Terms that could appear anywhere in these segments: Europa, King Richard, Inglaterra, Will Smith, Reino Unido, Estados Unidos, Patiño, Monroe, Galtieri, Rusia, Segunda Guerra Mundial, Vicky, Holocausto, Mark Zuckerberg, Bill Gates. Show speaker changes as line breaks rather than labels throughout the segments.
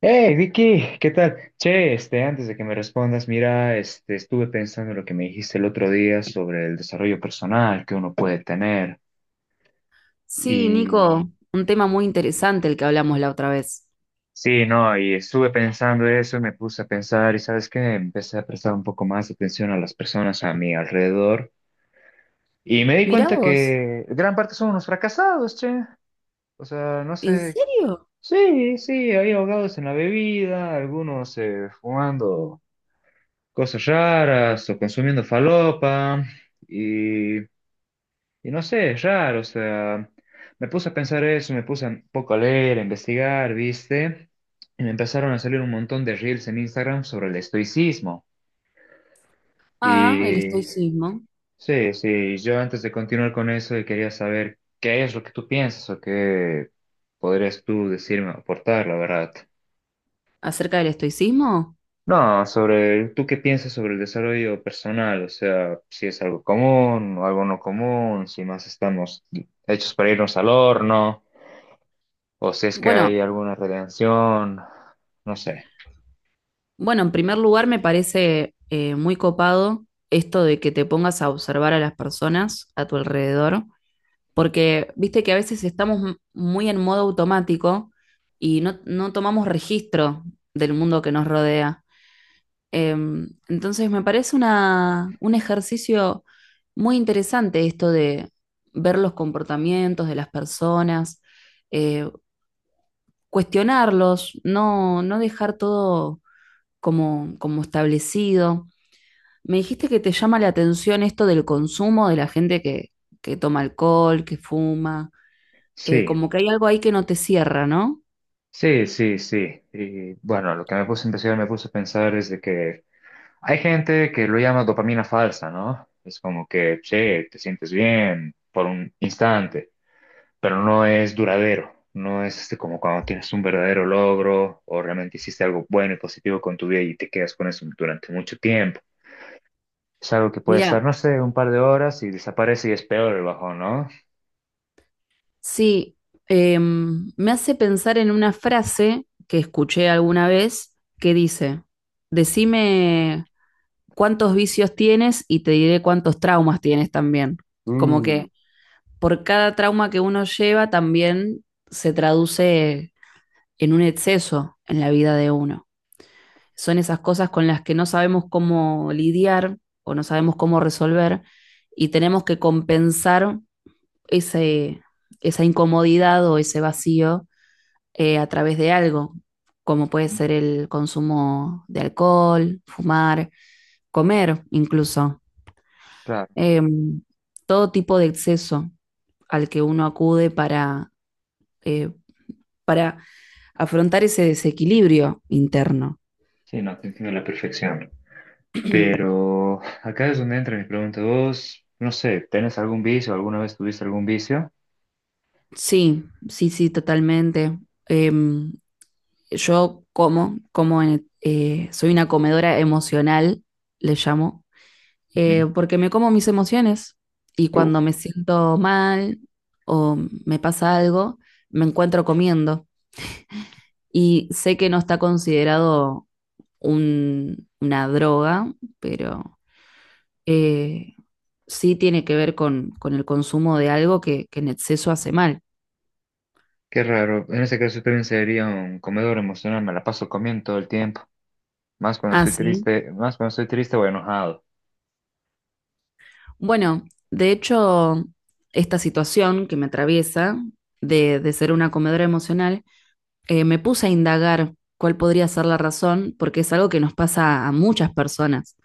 Hey Vicky, ¿qué tal? Che, este, antes de que me respondas, mira, este, estuve pensando en lo que me dijiste el otro día sobre el desarrollo personal que uno puede tener.
Sí,
Y
Nico, un tema muy interesante el que hablamos la otra vez.
sí, no, y estuve pensando eso y me puse a pensar, y sabes qué, empecé a prestar un poco más atención a las personas a mi alrededor. Y me di
Mirá
cuenta
vos,
que gran parte son unos fracasados, che. O sea, no
¿en
sé.
serio?
Sí, sí, hay ahogados en la bebida, algunos fumando. Cosas raras o consumiendo falopa y, y no sé, es raro, o sea, me puse a pensar eso, me puse un poco a leer, a investigar, ¿viste? Y me empezaron a salir un montón de reels en Instagram sobre el estoicismo.
Ah, el
Y
estoicismo.
sí, sí, yo antes de continuar con eso quería saber qué es lo que tú piensas o qué podrías tú decirme o aportar, la verdad.
¿Acerca del estoicismo?
No, sobre tú qué piensas sobre el desarrollo personal, o sea, si es algo común o algo no común, si más estamos hechos para irnos al horno, o si es que
Bueno,
hay alguna redención, no sé.
bueno, en primer lugar me parece muy copado esto de que te pongas a observar a las personas a tu alrededor, porque viste que a veces estamos muy en modo automático y no tomamos registro del mundo que nos rodea. Entonces me parece un ejercicio muy interesante esto de ver los comportamientos de las personas, eh, cuestionarlos, no dejar todo como establecido. Me dijiste que te llama la atención esto del consumo de la gente que toma alcohol, que fuma,
Sí,
como que hay algo ahí que no te cierra, ¿no?
sí, sí, sí. Y bueno, lo que me puse a investigar, me puse a pensar es de que hay gente que lo llama dopamina falsa, ¿no? Es como que, che, te sientes bien por un instante. Pero no es duradero. No es este, como cuando tienes un verdadero logro o realmente hiciste algo bueno y positivo con tu vida y te quedas con eso durante mucho tiempo. Es algo que puede estar,
Mira,
no sé, un par de horas y desaparece y es peor el bajón, ¿no?
sí, me hace pensar en una frase que escuché alguna vez que dice, decime cuántos vicios tienes y te diré cuántos traumas tienes también. Como
Mm,
que por cada trauma que uno lleva también se traduce en un exceso en la vida de uno. Son esas cosas con las que no sabemos cómo lidiar o no sabemos cómo resolver y tenemos que compensar ese, esa incomodidad o ese vacío a través de algo, como puede ser el consumo de alcohol, fumar, comer incluso,
claro.
eh, todo tipo de exceso al que uno acude eh, para afrontar ese desequilibrio interno.
Sí, no, te entiendo a la perfección. Pero acá es donde entra mi pregunta. Vos, no sé, ¿tenés algún vicio? ¿Alguna vez tuviste algún vicio?
Sí, sí, sí, totalmente. Em, yo soy una comedora emocional, le llamo, porque me como mis emociones y
Ujú.
cuando
Uf,
me siento mal o me pasa algo, me encuentro comiendo y sé que no está considerado una droga, pero eh, sí tiene que ver con el consumo de algo que en exceso hace mal.
qué raro. En ese caso yo también sería un comedor emocional. Me la paso comiendo todo el tiempo. Más cuando
Ah,
estoy
sí.
triste, más cuando estoy triste o enojado.
Bueno, de hecho, esta situación que me atraviesa de ser una comedora emocional, me puse a indagar cuál podría ser la razón, porque es algo que nos pasa a muchas personas.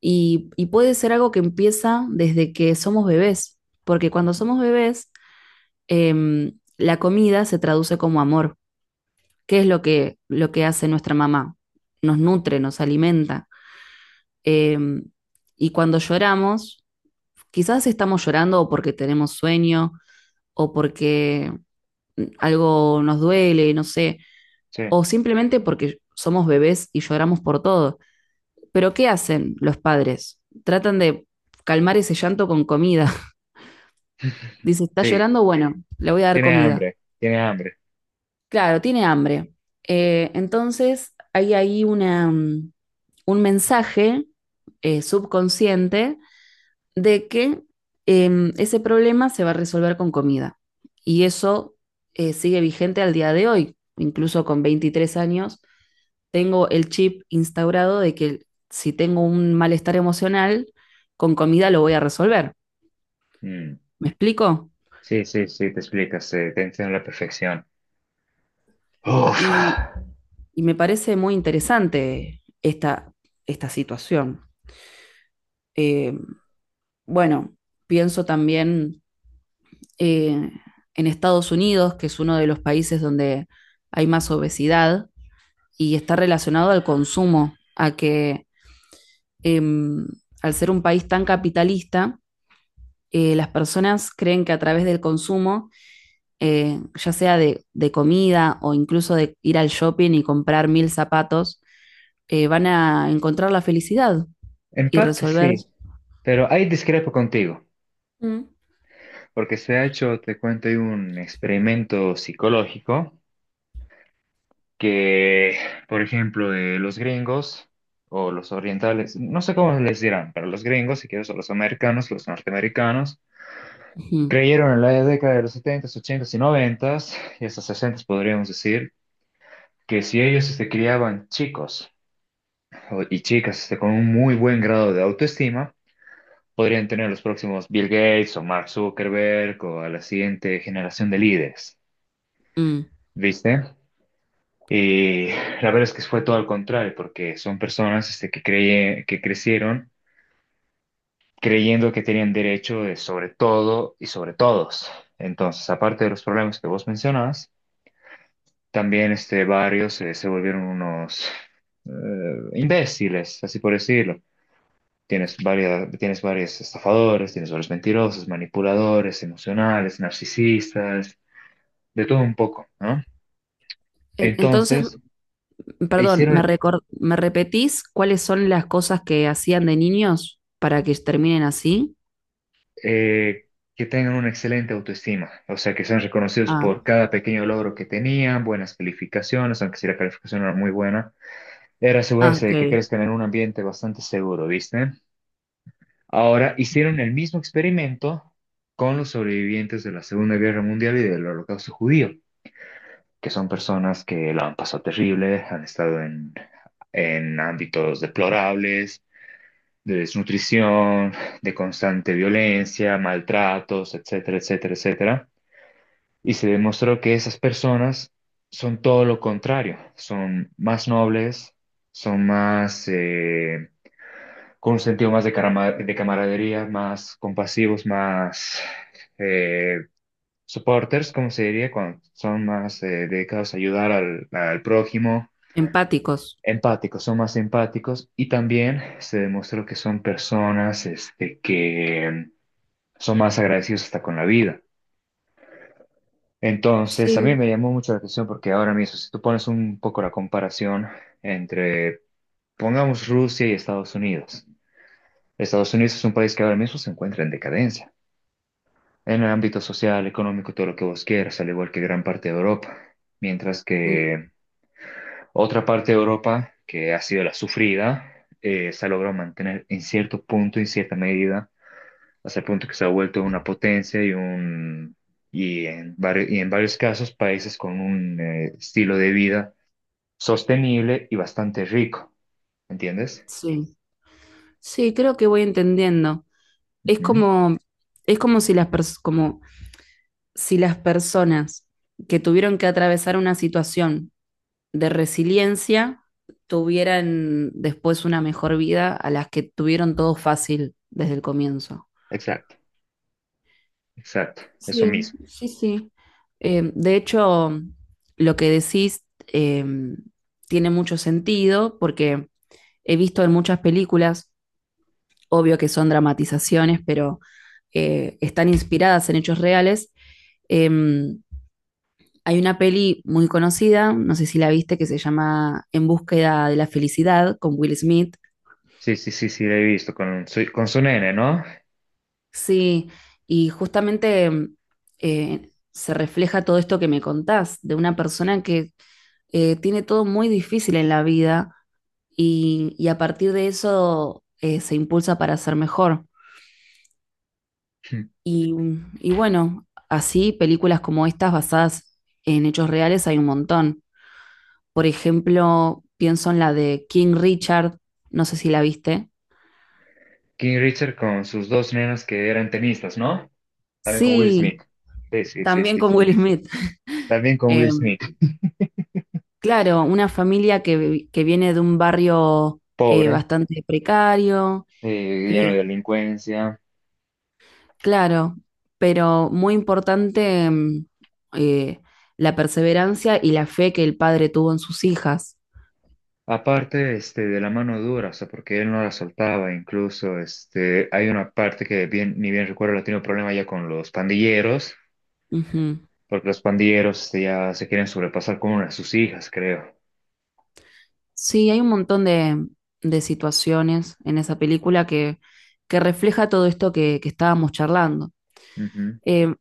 Y puede ser algo que empieza desde que somos bebés, porque cuando
Ujú.
somos bebés, la comida se traduce como amor. ¿Qué es lo que hace nuestra mamá? Nos nutre, nos alimenta. Eh, y cuando lloramos, quizás estamos llorando o porque tenemos sueño o porque algo nos duele, no sé,
Sí,
o simplemente porque somos bebés y lloramos por todo. Pero ¿qué hacen los padres? Tratan de calmar ese llanto con comida. Dice, está
sí,
llorando, bueno, le voy a dar
tiene
comida.
hambre, tiene hambre.
Claro, tiene hambre. Entonces hay ahí un mensaje subconsciente de que ese problema se va a resolver con comida. Y eso sigue vigente al día de hoy, incluso con 23 años. Tengo el chip instaurado de que si tengo un malestar emocional, con comida lo voy a resolver.
Mm,
¿Me explico?
sí, sí, sí, te explicas, te entiendo a la perfección. Uf,
Y, y me parece muy interesante esta situación. Eh, bueno, pienso también eh, en Estados Unidos, que es uno de los países donde hay más obesidad y está relacionado al consumo, a que eh, al ser un país tan capitalista, las personas creen que a través del consumo, ya sea de comida o incluso de ir al shopping y comprar mil zapatos, van a encontrar la felicidad
en
y
parte
resolver...
sí, pero ahí discrepo contigo,
Mm.
porque se ha hecho, te cuento, hay un experimento psicológico que, por ejemplo, de los gringos o los orientales, no sé cómo les dirán, pero los gringos, si quieres, o los americanos, los norteamericanos,
Uh -huh.
creyeron en la década de los 70 ochentas y 90 y hasta 60 podríamos decir, que si ellos se criaban chicos y chicas este, con un muy buen grado de autoestima, podrían tener los próximos Bill Gates o Mark Zuckerberg o a la siguiente generación de líderes,
Mm.
¿viste? Y la verdad es que fue todo al contrario, porque son personas este, que, que crecieron creyendo que tenían derecho de sobre todo y sobre todos. Entonces, aparte de los problemas que vos mencionabas, también este, varios se volvieron unos eh, imbéciles, así por decirlo. Tienes varias, tienes varios estafadores, tienes varios mentirosos, manipuladores, emocionales, narcisistas, de todo un poco, ¿no?
Entonces,
Entonces,
perdón,
hicieron
¿me repetís cuáles son las cosas que hacían de niños para que terminen así?
eh, que tengan una excelente autoestima, o sea, que sean reconocidos
Ah,
por cada pequeño logro que tenían, buenas calificaciones, aunque si la calificación no era muy buena, era
ah,
asegurarse
ok.
de que crezcan en un ambiente bastante seguro, ¿viste? Ahora hicieron el mismo experimento con los sobrevivientes de la Segunda Guerra Mundial y del Holocausto judío, que son personas que la han pasado terrible, han estado en ámbitos deplorables, de desnutrición, de constante violencia, maltratos, etcétera, etcétera, etcétera. Y se demostró que esas personas son todo lo contrario, son más nobles, son más con un sentido más de camaradería, más compasivos, más eh, supporters, como se diría, cuando son más dedicados a ayudar al prójimo,
Empáticos.
empáticos, son más empáticos y también se demostró que son personas este, que son más agradecidos hasta con la vida. Entonces, a mí
Sí,
me llamó mucho la atención porque ahora mismo, si tú pones un poco la comparación entre, pongamos, Rusia y Estados Unidos. Estados Unidos es un país que ahora mismo se encuentra en decadencia en el ámbito social, económico, todo lo que vos quieras, al igual que gran parte de Europa. Mientras
mm,
que otra parte de Europa, que ha sido la sufrida, se ha logrado mantener en cierto punto, en cierta medida, hasta el punto que se ha vuelto una potencia y un. Y en varios casos, países con un estilo de vida sostenible y bastante rico, ¿entiendes?
sí, sí, creo que voy entendiendo. Es
Ujú.
como, es como si las pers- como si las personas que tuvieron que atravesar una situación de resiliencia tuvieran después una mejor vida a las que tuvieron todo fácil desde el comienzo.
Exacto, exacto, eso
Sí,
mismo.
sí, sí. De hecho, lo que decís tiene mucho sentido porque he visto en muchas películas, obvio que son dramatizaciones, pero están inspiradas en hechos reales. Eh, hay una peli muy conocida, no sé si la viste, que se llama En búsqueda de la felicidad con Will Smith.
Sí, sí, sí, sí, lo he visto con su nene, ¿no?
Sí, y justamente se refleja todo esto que me contás, de una persona que tiene todo muy difícil en la vida y a partir de eso se impulsa para ser mejor. Y, y bueno, así películas como estas basadas en hechos reales hay un montón. Por ejemplo, pienso en la de King Richard, no sé si la viste.
King Richard con sus dos nenas que eran tenistas, ¿no? También con Will Smith.
Sí,
Sí, sí, sí,
también
sí,
con
sí.
Will Smith.
También con
Eh,
Will Smith.
claro, una familia que viene de un barrio
Pobre,
bastante precario,
lleno
eh,
de delincuencia.
claro, pero muy importante eh, la perseverancia y la fe que el padre tuvo en sus hijas.
Aparte, este, de la mano dura, o sea, porque él no la soltaba. Incluso, este, hay una parte que bien, ni bien recuerdo, la tiene un problema ya con los pandilleros,
Ujú.
porque los pandilleros este, ya se quieren sobrepasar con una de sus hijas, creo.
Sí, hay un montón de situaciones en esa película que refleja todo esto que estábamos charlando.
Ujú.
Eh,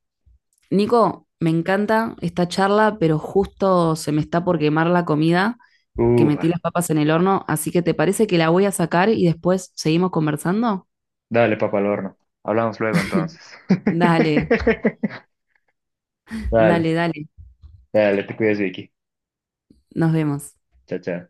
Nico, me encanta esta charla, pero justo se me está por quemar la comida, que
Ufa.
metí las papas en el horno, así que ¿te parece que la voy a sacar y después seguimos conversando?
Dale, papá, al horno. Hablamos luego entonces.
Dale, dale,
Dale,
dale.
dale, te cuidas, Vicky.
Nos vemos.
Chao, chao.